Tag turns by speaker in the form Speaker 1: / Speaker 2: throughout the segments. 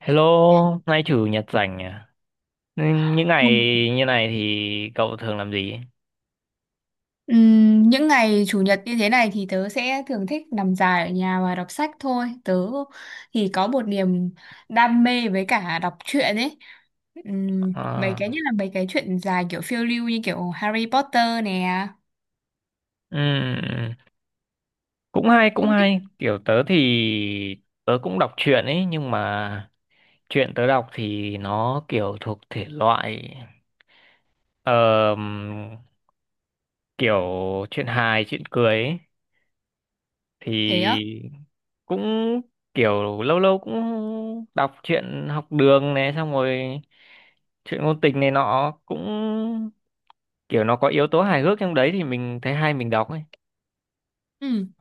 Speaker 1: Hello, nay chủ nhật rảnh à? Ừ, những ngày
Speaker 2: Không.
Speaker 1: như này thì cậu thường làm gì?
Speaker 2: Những ngày chủ nhật như thế này thì tớ sẽ thường thích nằm dài ở nhà và đọc sách thôi. Tớ thì có một niềm đam mê với cả đọc truyện ấy. Mấy cái nhất
Speaker 1: À,
Speaker 2: là mấy cái truyện dài kiểu phiêu lưu như kiểu Harry Potter nè.
Speaker 1: ừm, cũng hay, cũng
Speaker 2: Không biết
Speaker 1: hay. Kiểu tớ thì Tớ cũng đọc truyện ấy, nhưng mà truyện tớ đọc thì nó kiểu thuộc thể loại ờm, kiểu chuyện hài, chuyện cười ấy.
Speaker 2: thế á.
Speaker 1: Thì cũng kiểu lâu lâu cũng đọc truyện học đường này, xong rồi chuyện ngôn tình này nọ cũng kiểu nó có yếu tố hài hước trong đấy thì mình thấy hay mình đọc ấy.
Speaker 2: Ừm.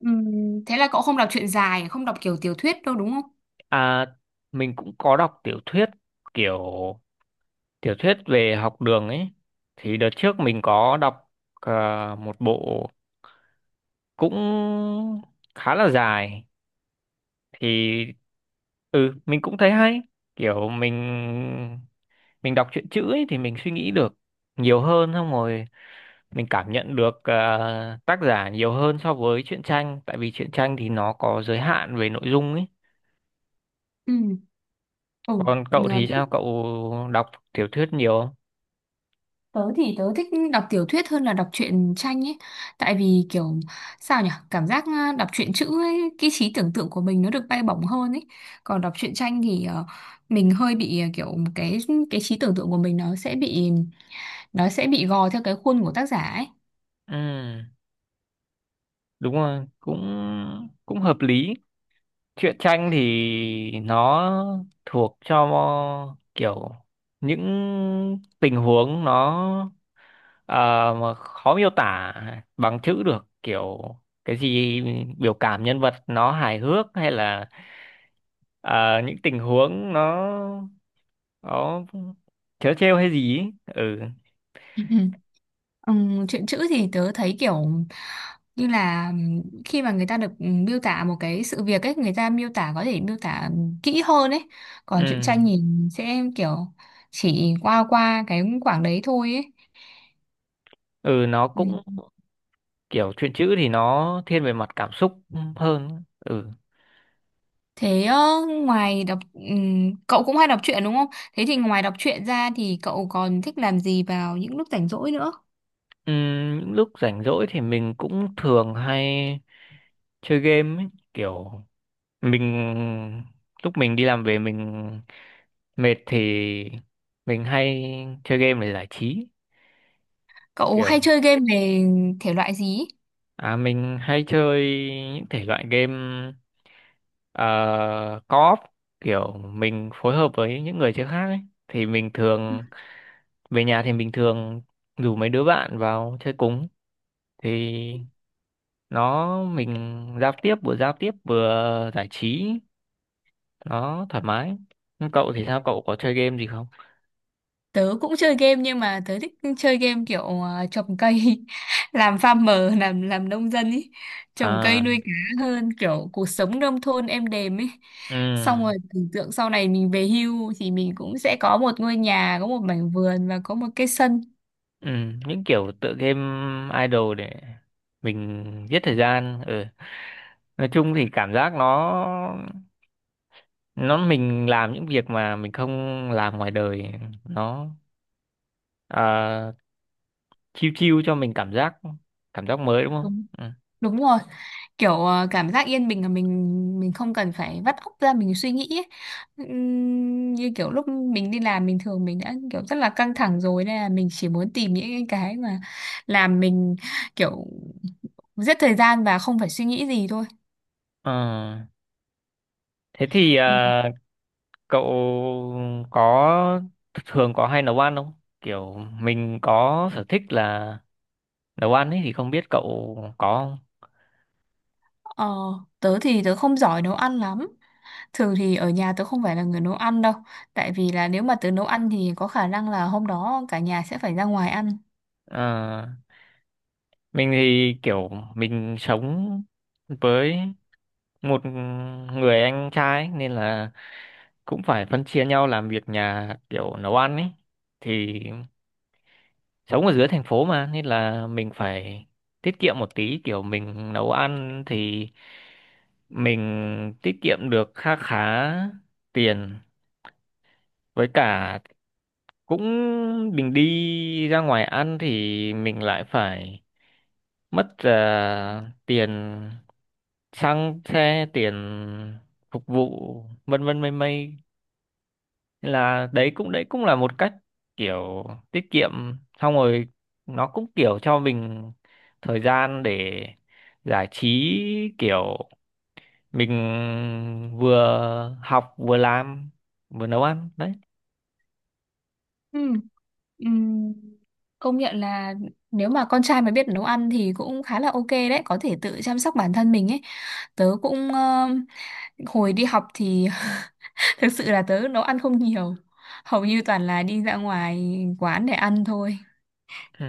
Speaker 2: Ừm, Thế là cậu không đọc truyện dài, không đọc kiểu tiểu thuyết đâu đúng không?
Speaker 1: À, mình cũng có đọc tiểu thuyết, kiểu tiểu thuyết về học đường ấy. Thì đợt trước mình có đọc một bộ cũng khá là dài thì ừ mình cũng thấy hay. Kiểu mình đọc truyện chữ ấy thì mình suy nghĩ được nhiều hơn, xong rồi mình cảm nhận được tác giả nhiều hơn so với truyện tranh, tại vì truyện tranh thì nó có giới hạn về nội dung ấy.
Speaker 2: Ừ.
Speaker 1: Còn
Speaker 2: Ừ.
Speaker 1: cậu thì sao? Cậu đọc tiểu thuyết nhiều không?
Speaker 2: Tớ thì tớ thích đọc tiểu thuyết hơn là đọc truyện tranh ấy. Tại vì kiểu sao nhỉ? Cảm giác đọc truyện chữ ấy, cái trí tưởng tượng của mình nó được bay bổng hơn ấy. Còn đọc truyện tranh thì mình hơi bị à, kiểu cái trí tưởng tượng của mình nó sẽ bị gò theo cái khuôn của tác giả ấy.
Speaker 1: Ừ, đúng rồi, cũng cũng hợp lý. Truyện tranh thì nó thuộc cho kiểu những tình huống nó ờ, mà khó miêu tả bằng chữ được, kiểu cái gì biểu cảm nhân vật nó hài hước hay là ờ, những tình huống nó trớ trêu hay gì ấy. Ừ,
Speaker 2: Chuyện chữ thì tớ thấy kiểu như là khi mà người ta được miêu tả một cái sự việc ấy người ta miêu tả có thể miêu tả kỹ hơn ấy, còn truyện
Speaker 1: ừ,
Speaker 2: tranh nhìn sẽ kiểu chỉ qua qua cái khoảng đấy thôi ấy.
Speaker 1: ừ, nó
Speaker 2: Ừm.
Speaker 1: cũng kiểu truyện chữ thì nó thiên về mặt cảm xúc hơn, ừ.
Speaker 2: Thế ngoài đọc cậu cũng hay đọc truyện đúng không, thế thì ngoài đọc truyện ra thì cậu còn thích làm gì vào những lúc rảnh rỗi nữa?
Speaker 1: Những lúc rảnh rỗi thì mình cũng thường hay chơi game ấy. Kiểu mình lúc mình đi làm về mình mệt thì mình hay chơi game để giải trí.
Speaker 2: Cậu
Speaker 1: Kiểu
Speaker 2: hay chơi game về thể loại gì?
Speaker 1: à, mình hay chơi những thể loại game co-op, kiểu mình phối hợp với những người chơi khác ấy. Thì mình thường về nhà thì mình thường rủ mấy đứa bạn vào chơi cùng, thì nó mình giao tiếp, vừa giao tiếp vừa giải trí nó thoải mái. Nhưng cậu thì sao, cậu có chơi game gì không?
Speaker 2: Tớ cũng chơi game nhưng mà tớ thích chơi game kiểu trồng cây, làm farmer, làm nông dân ý, trồng
Speaker 1: À,
Speaker 2: cây nuôi cá hơn kiểu cuộc sống nông thôn êm đềm ấy.
Speaker 1: ừ,
Speaker 2: Xong rồi tưởng tượng sau này mình về hưu thì mình cũng sẽ có một ngôi nhà, có một mảnh vườn và có một cái sân.
Speaker 1: ừ, những kiểu tựa game idol để mình giết thời gian, ừ. Nói chung thì cảm giác nó mình làm những việc mà mình không làm ngoài đời, nó à, chill chill cho mình cảm giác, cảm giác mới đúng không,
Speaker 2: Đúng,
Speaker 1: ừ.
Speaker 2: đúng rồi. Kiểu cảm giác yên bình là mình không cần phải vắt óc ra mình suy nghĩ ấy. Như kiểu lúc mình đi làm bình thường mình đã kiểu rất là căng thẳng rồi nên là mình chỉ muốn tìm những cái mà làm mình kiểu giết thời gian và không phải suy nghĩ gì thôi.
Speaker 1: Ờ, thế thì
Speaker 2: Ừ.
Speaker 1: cậu có thường có hay nấu ăn không? Kiểu mình có sở thích là nấu ăn ấy thì không biết cậu có không?
Speaker 2: ờ, Tớ thì tớ không giỏi nấu ăn lắm, thường thì ở nhà tớ không phải là người nấu ăn đâu, tại vì là nếu mà tớ nấu ăn thì có khả năng là hôm đó cả nhà sẽ phải ra ngoài ăn.
Speaker 1: À, mình thì kiểu mình sống với một người anh trai ấy, nên là cũng phải phân chia nhau làm việc nhà kiểu nấu ăn ấy. Thì sống ở dưới thành phố mà nên là mình phải tiết kiệm một tí, kiểu mình nấu ăn thì mình tiết kiệm được kha khá tiền. Với cả cũng mình đi ra ngoài ăn thì mình lại phải mất tiền xăng xe, tiền phục vụ vân vân mây mây. Nên là đấy cũng là một cách kiểu tiết kiệm, xong rồi nó cũng kiểu cho mình thời gian để giải trí, kiểu mình vừa học vừa làm vừa nấu ăn đấy,
Speaker 2: Ừ. Ừm, Công nhận là nếu mà con trai mà biết nấu ăn thì cũng khá là ok đấy, có thể tự chăm sóc bản thân mình ấy. Tớ cũng hồi đi học thì thực sự là tớ nấu ăn không nhiều, hầu như toàn là đi ra ngoài quán để ăn thôi.
Speaker 1: ừ.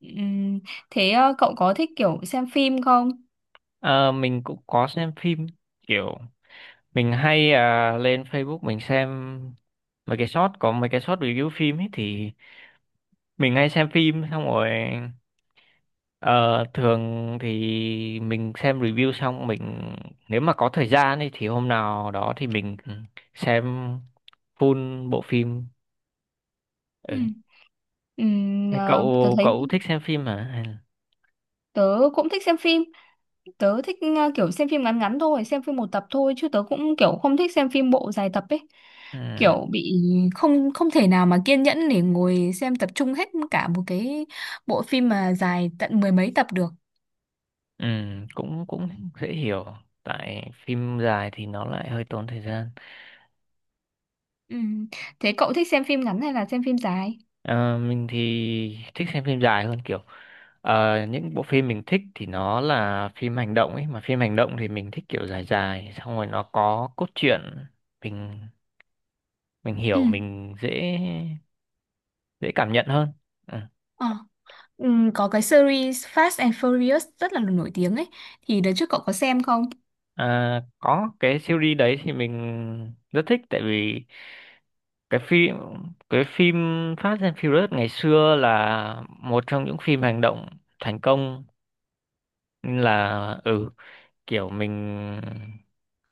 Speaker 2: Ừm, Thế cậu có thích kiểu xem phim không?
Speaker 1: Ờ, mình cũng có xem phim, kiểu mình hay lên Facebook mình xem mấy cái short, có mấy cái short review phim ấy, thì mình hay xem phim xong rồi. Ờ, thường thì mình xem review xong mình nếu mà có thời gian ấy, thì hôm nào đó thì mình xem full bộ phim. Ừ.
Speaker 2: Ừ.
Speaker 1: Thế
Speaker 2: Ờ, Tớ
Speaker 1: Cậu
Speaker 2: thấy
Speaker 1: cậu thích xem phim hả? Hay là-
Speaker 2: tớ cũng thích xem phim, tớ thích kiểu xem phim ngắn ngắn thôi, xem phim một tập thôi chứ tớ cũng kiểu không thích xem phim bộ dài tập ấy,
Speaker 1: ừ.
Speaker 2: kiểu bị không không thể nào mà kiên nhẫn để ngồi xem tập trung hết cả một cái bộ phim mà dài tận mười mấy tập được.
Speaker 1: Ừ, cũng cũng dễ hiểu. Tại phim dài thì nó lại hơi tốn thời gian.
Speaker 2: Ừ. Thế cậu thích xem phim ngắn hay là xem phim dài?
Speaker 1: Ờ, mình thì thích xem phim dài hơn, kiểu những bộ phim mình thích thì nó là phim hành động ấy, mà phim hành động thì mình thích kiểu dài dài, xong rồi nó có cốt truyện mình mình
Speaker 2: Ừ.
Speaker 1: hiểu, mình dễ dễ cảm nhận hơn, ừ.
Speaker 2: Ờ. Ừ, có cái series Fast and Furious rất là nổi tiếng ấy, thì đợt trước cậu có xem không?
Speaker 1: À, có cái series đấy thì mình rất thích, tại vì cái phim cái phim Fast and Furious ngày xưa là một trong những phim hành động thành công, nên là ừ kiểu mình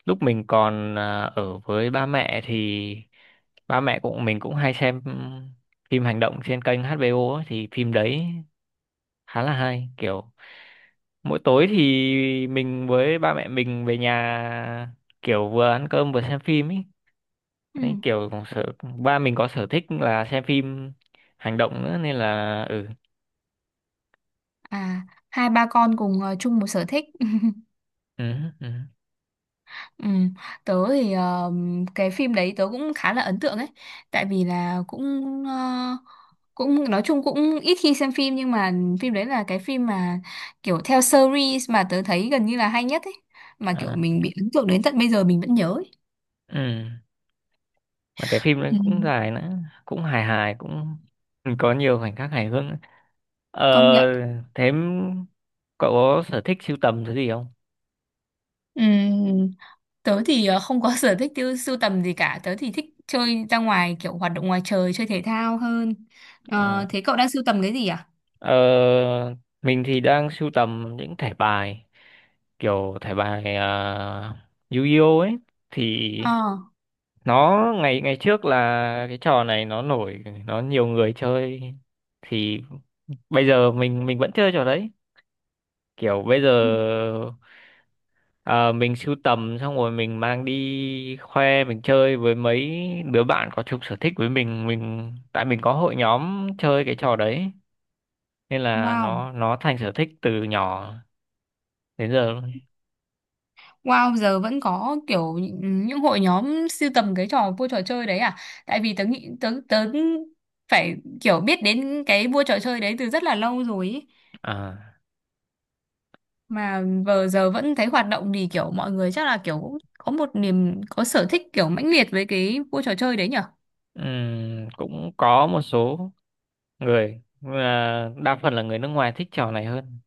Speaker 1: lúc mình còn ở với ba mẹ thì ba mẹ cũng mình cũng hay xem phim hành động trên kênh HBO ấy, thì phim đấy khá là hay, kiểu mỗi tối thì mình với ba mẹ mình về nhà kiểu vừa ăn cơm vừa xem phim ấy.
Speaker 2: Ừ.
Speaker 1: Đấy kiểu cũng sở ba mình có sở thích là xem phim hành động nữa nên là ừ,
Speaker 2: À, hai ba con cùng chung một sở thích.
Speaker 1: ừ, ừ,
Speaker 2: Ừ. Tớ thì cái phim đấy tớ cũng khá là ấn tượng ấy, tại vì là cũng ờ, cũng nói chung cũng ít khi xem phim nhưng mà phim đấy là cái phim mà kiểu theo series mà tớ thấy gần như là hay nhất ấy, mà kiểu
Speaker 1: à,
Speaker 2: mình bị ấn tượng đến tận bây giờ mình vẫn nhớ ấy.
Speaker 1: ừ. Mà cái phim đấy
Speaker 2: Ừ.
Speaker 1: cũng dài nữa, cũng hài hài cũng có nhiều khoảnh khắc hài hước nữa. Ờ,
Speaker 2: Công nhận.
Speaker 1: thế cậu có sở thích sưu tầm thứ gì không?
Speaker 2: Ừ. Tớ thì không có sở thích tiêu sưu tầm gì cả, tớ thì thích chơi ra ngoài kiểu hoạt động ngoài trời chơi thể thao hơn. Ờ,
Speaker 1: À.
Speaker 2: thế cậu đang sưu tầm cái gì à?
Speaker 1: Ờ, mình thì đang sưu tầm những thẻ bài, kiểu thẻ bài Yu-Gi-Oh ấy. Thì
Speaker 2: Ờ.
Speaker 1: nó ngày ngày trước là cái trò này nó nổi, nó nhiều người chơi. Thì bây giờ mình vẫn chơi trò đấy, kiểu bây giờ
Speaker 2: Ừ.
Speaker 1: ờ, mình sưu tầm xong rồi mình mang đi khoe, mình chơi với mấy đứa bạn có chung sở thích với mình, tại mình có hội nhóm chơi cái trò đấy, nên là
Speaker 2: Wow.
Speaker 1: nó thành sở thích từ nhỏ đến giờ luôn.
Speaker 2: Wow, giờ vẫn có kiểu những hội nhóm sưu tầm cái trò vua trò chơi đấy à? Tại vì tớ nghĩ tớ tớ phải kiểu biết đến cái vua trò chơi đấy từ rất là lâu rồi ý.
Speaker 1: À,
Speaker 2: Mà vừa giờ vẫn thấy hoạt động thì kiểu mọi người chắc là kiểu cũng có một niềm có sở thích kiểu mãnh liệt với cái vua trò chơi đấy nhở?
Speaker 1: cũng có một số người nhưng mà đa phần là người nước ngoài thích trò này hơn.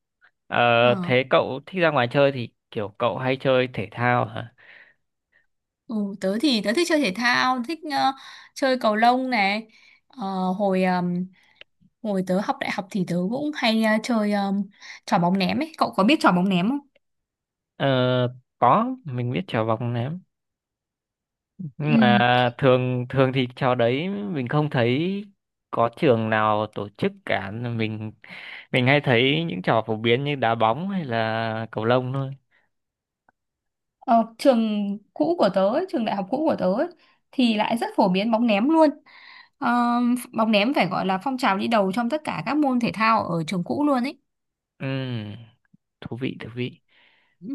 Speaker 1: Ờ,
Speaker 2: Ờ,
Speaker 1: thế cậu thích ra ngoài chơi thì kiểu cậu hay chơi thể thao hả?
Speaker 2: ừ, tớ thì tớ thích chơi thể thao, thích chơi cầu lông này. Ờ, hồi hồi tớ học đại học thì tớ cũng hay chơi trò bóng ném ấy. Cậu có biết trò bóng ném không?
Speaker 1: Ờ, có mình biết trò vòng ném, nhưng
Speaker 2: Ừ.
Speaker 1: mà thường thường thì trò đấy mình không thấy có trường nào tổ chức cả. Mình hay thấy những trò phổ biến như đá bóng hay là cầu lông thôi.
Speaker 2: Ờ, trường cũ của tớ ấy, trường đại học cũ của tớ ấy, thì lại rất phổ biến bóng ném luôn. Ờ, bóng ném phải gọi là phong trào đi đầu trong tất cả các môn thể thao ở trường cũ luôn ấy.
Speaker 1: Ừm, thú vị thú vị.
Speaker 2: Ừ.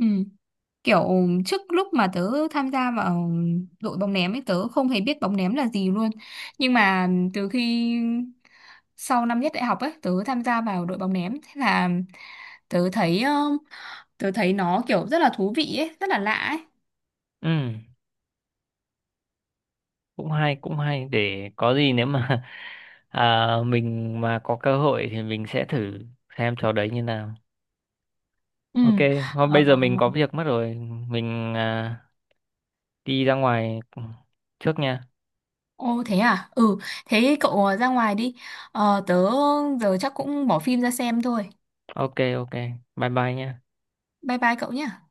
Speaker 2: Kiểu trước lúc mà tớ tham gia vào đội bóng ném ấy tớ không hề biết bóng ném là gì luôn. Nhưng mà từ khi sau năm nhất đại học ấy tớ tham gia vào đội bóng ném, thế là tớ thấy tớ thấy nó kiểu rất là thú vị ấy, rất là lạ ấy.
Speaker 1: Ừ, cũng hay cũng hay, để có gì nếu mà à, mình mà có cơ hội thì mình sẽ thử xem trò đấy như nào.
Speaker 2: Ừ.
Speaker 1: Ok, hôm
Speaker 2: Ờ.
Speaker 1: bây giờ mình có việc mất rồi, mình đi ra ngoài trước nha.
Speaker 2: Ồ thế à? Ừ, thế cậu ra ngoài đi. Ờ, tớ giờ chắc cũng bỏ phim ra xem thôi.
Speaker 1: Ok ok, bye bye nha.
Speaker 2: Bye bye cậu nhé.